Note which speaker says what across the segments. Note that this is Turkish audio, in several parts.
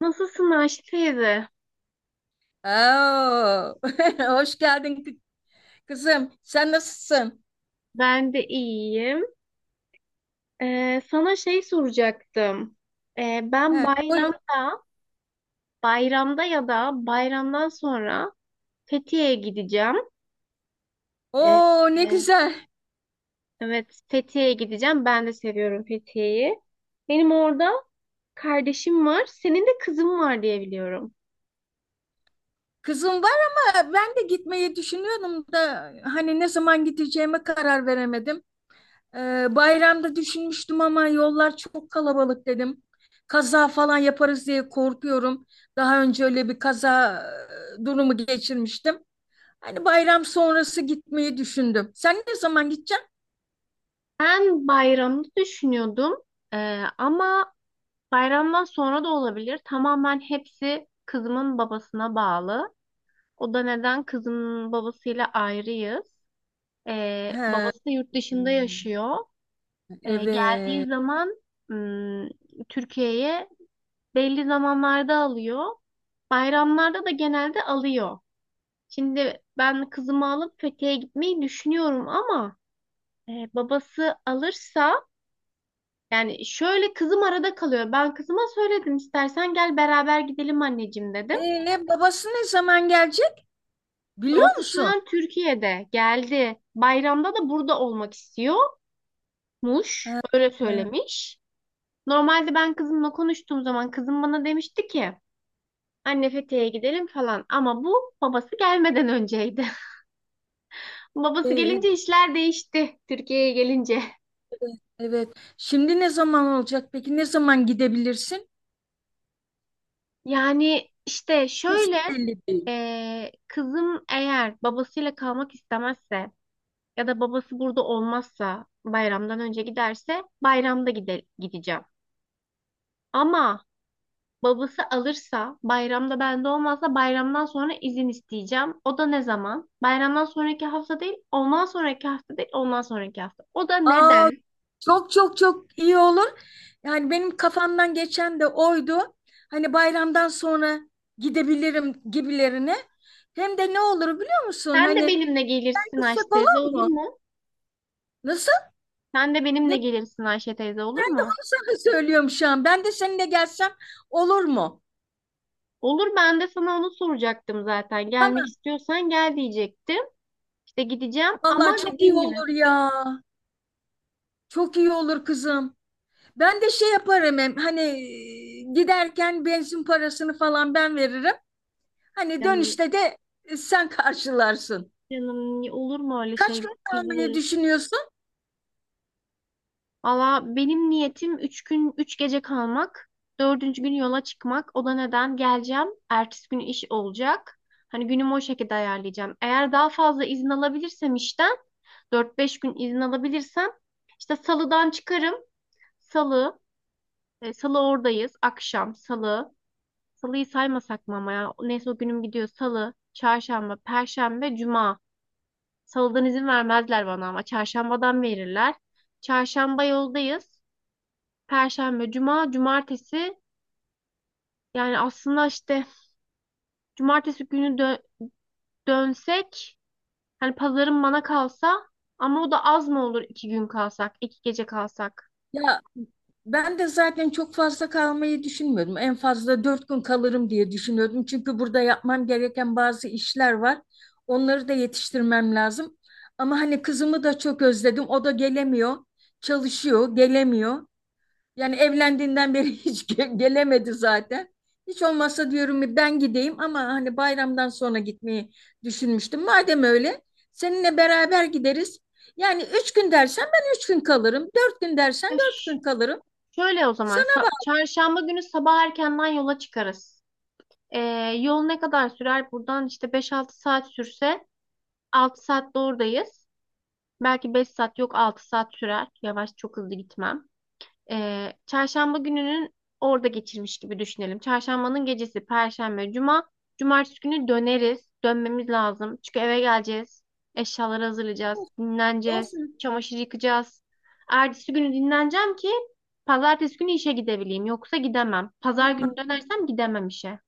Speaker 1: Nasılsın Ayşe teyze?
Speaker 2: Oo. Hoş geldin kızım. Sen nasılsın?
Speaker 1: Ben de iyiyim. Sana şey soracaktım. Ben
Speaker 2: He, buyur.
Speaker 1: bayramda, bayramda ya da bayramdan sonra Fethiye'ye gideceğim. Ee,
Speaker 2: Oo ne
Speaker 1: e,
Speaker 2: güzel.
Speaker 1: evet, Fethiye'ye gideceğim. Ben de seviyorum Fethiye'yi. Benim orada kardeşim var. Senin de kızın var diye biliyorum.
Speaker 2: Kızım var ama ben de gitmeyi düşünüyordum da hani ne zaman gideceğime karar veremedim. Bayramda düşünmüştüm ama yollar çok kalabalık dedim. Kaza falan yaparız diye korkuyorum. Daha önce öyle bir kaza durumu geçirmiştim. Hani bayram sonrası gitmeyi düşündüm. Sen ne zaman gideceksin?
Speaker 1: Ben bayramda düşünüyordum. Ama bayramdan sonra da olabilir. Tamamen hepsi kızımın babasına bağlı. O da neden? Kızın babasıyla ayrıyız.
Speaker 2: He,
Speaker 1: Babası da yurt dışında yaşıyor. Geldiği
Speaker 2: evet.
Speaker 1: zaman ım, Türkiye'ye belli zamanlarda alıyor. Bayramlarda da genelde alıyor. Şimdi ben kızımı alıp Fethiye'ye gitmeyi düşünüyorum ama babası alırsa yani şöyle kızım arada kalıyor. Ben kızıma söyledim istersen gel beraber gidelim anneciğim dedim.
Speaker 2: Babası ne zaman gelecek biliyor
Speaker 1: Babası şu
Speaker 2: musun?
Speaker 1: an Türkiye'de geldi. Bayramda da burada olmak istiyor. Muş öyle
Speaker 2: Ha,
Speaker 1: söylemiş. Normalde ben kızımla konuştuğum zaman kızım bana demişti ki anne Fethiye'ye gidelim falan ama bu babası gelmeden önceydi. Babası
Speaker 2: ee,
Speaker 1: gelince işler değişti Türkiye'ye gelince.
Speaker 2: evet. Şimdi ne zaman olacak? Peki ne zaman gidebilirsin?
Speaker 1: Yani işte
Speaker 2: Kesin
Speaker 1: şöyle
Speaker 2: belli değil.
Speaker 1: kızım eğer babasıyla kalmak istemezse ya da babası burada olmazsa bayramdan önce giderse bayramda gideceğim. Ama babası alırsa, bayramda bende olmazsa bayramdan sonra izin isteyeceğim. O da ne zaman? Bayramdan sonraki hafta değil, ondan sonraki hafta değil, ondan sonraki hafta. O da
Speaker 2: Aa,
Speaker 1: neden?
Speaker 2: çok çok çok iyi olur. Yani benim kafamdan geçen de oydu. Hani bayramdan sonra gidebilirim gibilerine. Hem de ne olur biliyor musun?
Speaker 1: Sen de
Speaker 2: Hani
Speaker 1: benimle gelirsin Ayşe
Speaker 2: gitsek
Speaker 1: teyze
Speaker 2: olur
Speaker 1: olur
Speaker 2: mu?
Speaker 1: mu?
Speaker 2: Nasıl?
Speaker 1: Sen de benimle
Speaker 2: Ne?
Speaker 1: gelirsin Ayşe teyze olur
Speaker 2: Ben de
Speaker 1: mu?
Speaker 2: onu sana söylüyorum şu an. Ben de seninle gelsem olur mu?
Speaker 1: Olur ben de sana onu soracaktım zaten. Gelmek
Speaker 2: Tamam.
Speaker 1: istiyorsan gel diyecektim. İşte gideceğim ama
Speaker 2: Vallahi çok iyi
Speaker 1: dediğim gibi
Speaker 2: olur ya. Çok iyi olur kızım. Ben de şey yaparım hem hani giderken benzin parasını falan ben veririm. Hani
Speaker 1: canım,
Speaker 2: dönüşte de sen karşılarsın.
Speaker 1: canım olur mu öyle
Speaker 2: Kaç
Speaker 1: şey?
Speaker 2: gün
Speaker 1: Biz
Speaker 2: kalmayı
Speaker 1: varız.
Speaker 2: düşünüyorsun?
Speaker 1: Valla benim niyetim üç gün, üç gece kalmak. Dördüncü gün yola çıkmak. O da neden geleceğim? Ertesi gün iş olacak. Hani günümü o şekilde ayarlayacağım. Eğer daha fazla izin alabilirsem işten, dört beş gün izin alabilirsem, işte salıdan çıkarım. Salı, salı oradayız. Akşam, salı. Salıyı saymasak mı ama ya? Neyse o günüm gidiyor. Salı, çarşamba, perşembe, cuma. Salıdan izin vermezler bana ama çarşambadan verirler. Çarşamba yoldayız. Perşembe, cuma, cumartesi. Yani aslında işte cumartesi günü dönsek hani pazarın bana kalsa ama o da az mı olur iki gün kalsak, iki gece kalsak?
Speaker 2: Ya ben de zaten çok fazla kalmayı düşünmüyordum. En fazla 4 gün kalırım diye düşünüyordum. Çünkü burada yapmam gereken bazı işler var. Onları da yetiştirmem lazım. Ama hani kızımı da çok özledim. O da gelemiyor. Çalışıyor, gelemiyor. Yani evlendiğinden beri hiç gelemedi zaten. Hiç olmazsa diyorum ben gideyim ama hani bayramdan sonra gitmeyi düşünmüştüm. Madem öyle seninle beraber gideriz. Yani 3 gün dersen ben 3 gün kalırım. 4 gün dersen
Speaker 1: Ya
Speaker 2: dört
Speaker 1: ş-
Speaker 2: gün kalırım.
Speaker 1: Şöyle o zaman
Speaker 2: Sana
Speaker 1: çarşamba günü sabah erkenden yola çıkarız. Ee, Yol ne kadar sürer? Buradan işte beş altı saat sürse 6 saatte oradayız. Belki 5 saat yok 6 saat sürer. Yavaş çok hızlı gitmem. Çarşamba gününün orada geçirmiş gibi düşünelim. Çarşambanın gecesi, perşembe, cuma. Cumartesi günü döneriz. Dönmemiz lazım. Çünkü eve geleceğiz. Eşyaları hazırlayacağız.
Speaker 2: bu-
Speaker 1: Dinleneceğiz.
Speaker 2: olsun.
Speaker 1: Çamaşır yıkacağız. Ertesi günü dinleneceğim ki pazartesi günü işe gidebileyim. Yoksa gidemem. Pazar günü dönersem gidemem işe.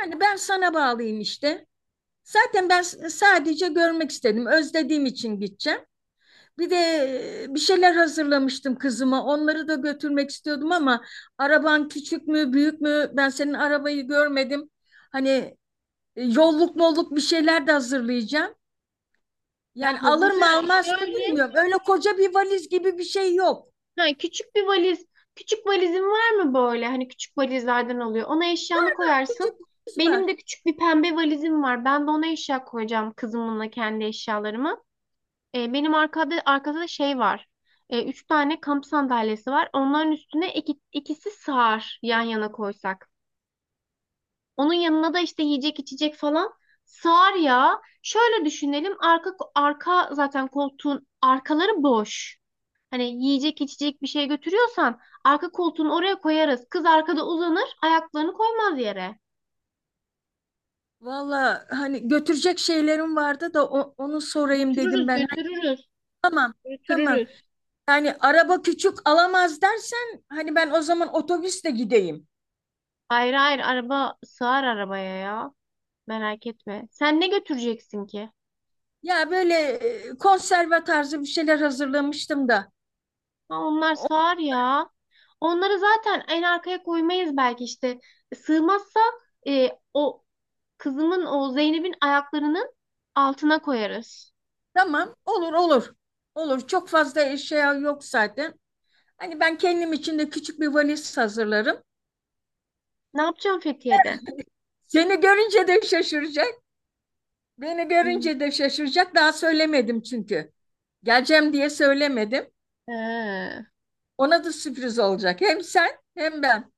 Speaker 2: Yani ben sana bağlıyım işte. Zaten ben sadece görmek istedim. Özlediğim için gideceğim. Bir de bir şeyler hazırlamıştım kızıma. Onları da götürmek istiyordum ama araban küçük mü, büyük mü? Ben senin arabayı görmedim. Hani yolluk molluk bir şeyler de hazırlayacağım.
Speaker 1: Ya
Speaker 2: Yani alır mı
Speaker 1: hazırlığı
Speaker 2: almaz mı
Speaker 1: şöyle
Speaker 2: bilmiyorum. Öyle koca bir valiz gibi bir şey yok.
Speaker 1: ha, küçük bir valiz. Küçük valizin var mı böyle? Hani küçük valizlerden oluyor. Ona eşyanı koyarsın.
Speaker 2: Küçük bir valiz var.
Speaker 1: Benim de küçük bir pembe valizim var. Ben de ona eşya koyacağım kızımınla kendi eşyalarımı. Benim arkada da şey var. Üç tane kamp sandalyesi var. Onların üstüne ikisi sığar yan yana koysak. Onun yanına da işte yiyecek içecek falan sığar ya. Şöyle düşünelim. Arka zaten koltuğun arkaları boş. Hani yiyecek içecek bir şey götürüyorsan arka koltuğun oraya koyarız. Kız arkada uzanır, ayaklarını koymaz yere.
Speaker 2: Valla hani götürecek şeylerim vardı da onu sorayım dedim
Speaker 1: Götürürüz,
Speaker 2: ben. Hani
Speaker 1: götürürüz,
Speaker 2: tamam, tamam.
Speaker 1: götürürüz.
Speaker 2: Yani araba küçük alamaz dersen hani ben o zaman otobüsle gideyim.
Speaker 1: Hayır hayır araba sığar arabaya ya. Merak etme. Sen ne götüreceksin ki?
Speaker 2: Ya böyle konserve tarzı bir şeyler hazırlamıştım da.
Speaker 1: Ha, onlar
Speaker 2: O-
Speaker 1: sığar ya. Onları zaten en arkaya koymayız belki işte. Sığmazsa o kızımın o Zeynep'in ayaklarının altına koyarız.
Speaker 2: tamam, olur olur. Olur, çok fazla eşya yok zaten. Hani ben kendim için de küçük bir valiz hazırlarım.
Speaker 1: Ne yapacağım Fethiye'de?
Speaker 2: Seni görünce de şaşıracak. Beni
Speaker 1: Hmm.
Speaker 2: görünce de şaşıracak. Daha söylemedim çünkü. Geleceğim diye söylemedim.
Speaker 1: He.
Speaker 2: Ona da sürpriz olacak. Hem sen hem ben.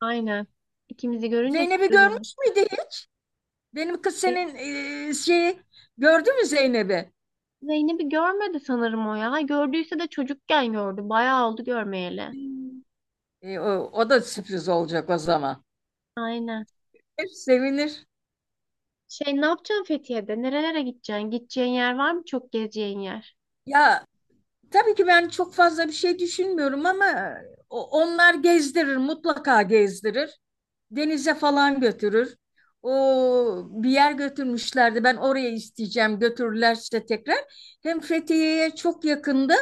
Speaker 1: Aynen. İkimizi görünce
Speaker 2: Zeynep'i
Speaker 1: sürpriz olur.
Speaker 2: görmüş müydü hiç? Benim kız
Speaker 1: Ve
Speaker 2: senin şeyi gördü mü Zeynep'i?
Speaker 1: Zeynep'i görmedi sanırım o ya. Gördüyse de çocukken gördü. Bayağı oldu görmeyeli.
Speaker 2: E, o, o da sürpriz olacak o zaman.
Speaker 1: Aynen.
Speaker 2: Sevinir.
Speaker 1: Şey ne yapacaksın Fethiye'de? Nerelere gideceksin? Gideceğin yer var mı? Çok gezeceğin yer.
Speaker 2: Ya tabii ki ben çok fazla bir şey düşünmüyorum ama onlar gezdirir, mutlaka gezdirir. Denize falan götürür. O bir yer götürmüşlerdi. Ben oraya isteyeceğim götürürlerse tekrar. Hem Fethiye'ye çok yakındı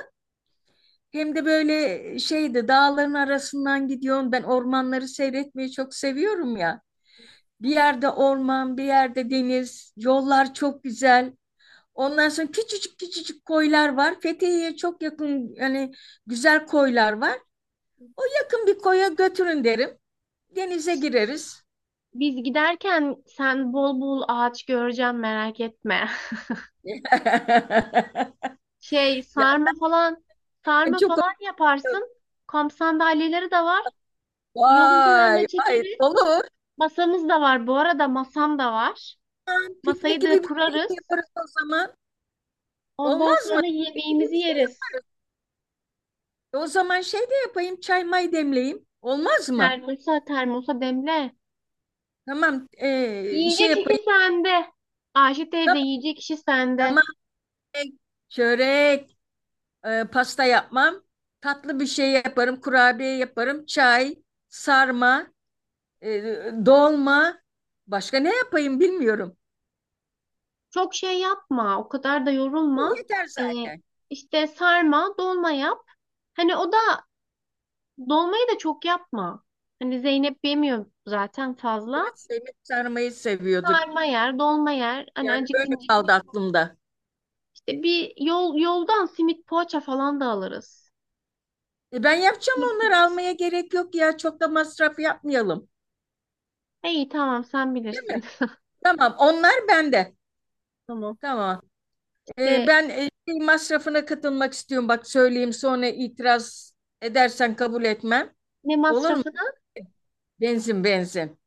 Speaker 2: hem de böyle şeydi, dağların arasından gidiyorum. Ben ormanları seyretmeyi çok seviyorum ya. Bir yerde orman, bir yerde deniz, yollar çok güzel. Ondan sonra küçücük küçücük koylar var. Fethiye'ye çok yakın, yani güzel koylar var. O yakın bir koya götürün derim. Denize gireriz.
Speaker 1: Biz giderken sen bol bol ağaç göreceğim merak etme. Şey sarma falan
Speaker 2: Yani
Speaker 1: sarma
Speaker 2: çok
Speaker 1: falan yaparsın. Kamp sandalyeleri de var. Yolun
Speaker 2: vay
Speaker 1: kenarına
Speaker 2: vay
Speaker 1: çekeriz.
Speaker 2: dolu.
Speaker 1: Masamız da var. Bu arada masam da var.
Speaker 2: Piknik
Speaker 1: Masayı
Speaker 2: gibi
Speaker 1: da
Speaker 2: bir şey de
Speaker 1: kurarız.
Speaker 2: yaparız o zaman.
Speaker 1: Ondan
Speaker 2: Olmaz mı?
Speaker 1: sonra
Speaker 2: Piknik gibi bir
Speaker 1: yemeğimizi
Speaker 2: şey
Speaker 1: yeriz.
Speaker 2: o zaman şey de yapayım, çay may demleyeyim. Olmaz mı?
Speaker 1: Termosa demle.
Speaker 2: Tamam, şey
Speaker 1: Yiyecek kişi
Speaker 2: yapayım.
Speaker 1: sende. Ayşe teyze
Speaker 2: Tamam,
Speaker 1: yiyecek kişi sende.
Speaker 2: tamam. e, Çörek. Pasta yapmam. Tatlı bir şey yaparım, kurabiye yaparım, çay, sarma, e, dolma. Başka ne yapayım bilmiyorum.
Speaker 1: Çok şey yapma. O kadar da
Speaker 2: Bu
Speaker 1: yorulma.
Speaker 2: yeter
Speaker 1: Ee,
Speaker 2: zaten.
Speaker 1: işte sarma, dolma yap. Hani o da dolmayı da çok yapma. Hani Zeynep yemiyor zaten fazla.
Speaker 2: Evet, Semih sarmayı seviyorduk.
Speaker 1: Sarma yer, dolma yer. Hani
Speaker 2: Yani öyle
Speaker 1: acıkınca.
Speaker 2: kaldı aklımda.
Speaker 1: İşte bir yoldan simit poğaça falan da alırız.
Speaker 2: E, ben yapacağım,
Speaker 1: Simit
Speaker 2: onları
Speaker 1: alırız.
Speaker 2: almaya gerek yok ya. Çok da masraf yapmayalım.
Speaker 1: İyi tamam sen
Speaker 2: Değil mi?
Speaker 1: bilirsin.
Speaker 2: Tamam, onlar bende.
Speaker 1: Tamam.
Speaker 2: Tamam. E,
Speaker 1: İşte
Speaker 2: ben şey masrafına katılmak istiyorum. Bak söyleyeyim, sonra itiraz edersen kabul etmem.
Speaker 1: ne
Speaker 2: Olur mu?
Speaker 1: masrafı?
Speaker 2: Benzin, benzin.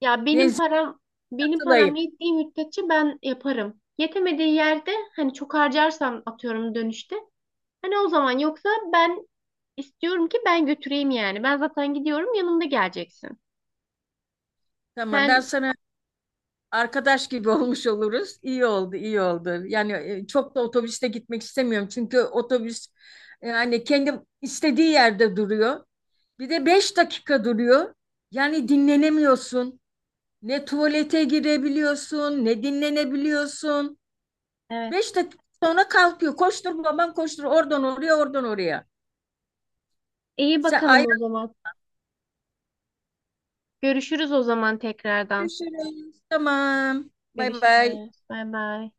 Speaker 1: Ya benim
Speaker 2: Benzin
Speaker 1: param, benim param
Speaker 2: katılayım.
Speaker 1: yettiği müddetçe ben yaparım. Yetemediği yerde hani çok harcarsam atıyorum dönüşte. Hani o zaman yoksa ben istiyorum ki ben götüreyim yani. Ben zaten gidiyorum yanımda geleceksin.
Speaker 2: Tamam, ben
Speaker 1: Sen
Speaker 2: sana arkadaş gibi olmuş oluruz. İyi oldu, iyi oldu. Yani çok da otobüste gitmek istemiyorum. Çünkü otobüs yani kendi istediği yerde duruyor. Bir de 5 dakika duruyor. Yani dinlenemiyorsun. Ne tuvalete girebiliyorsun, ne dinlenebiliyorsun.
Speaker 1: evet.
Speaker 2: Beş dakika sonra kalkıyor. Koştur babam koştur. Oradan oraya, oradan oraya.
Speaker 1: iyi
Speaker 2: Sen
Speaker 1: bakalım o
Speaker 2: ayrı
Speaker 1: zaman. Görüşürüz o zaman tekrardan.
Speaker 2: düşünün. Tamam. Bay bay.
Speaker 1: Görüşürüz. Bay bay.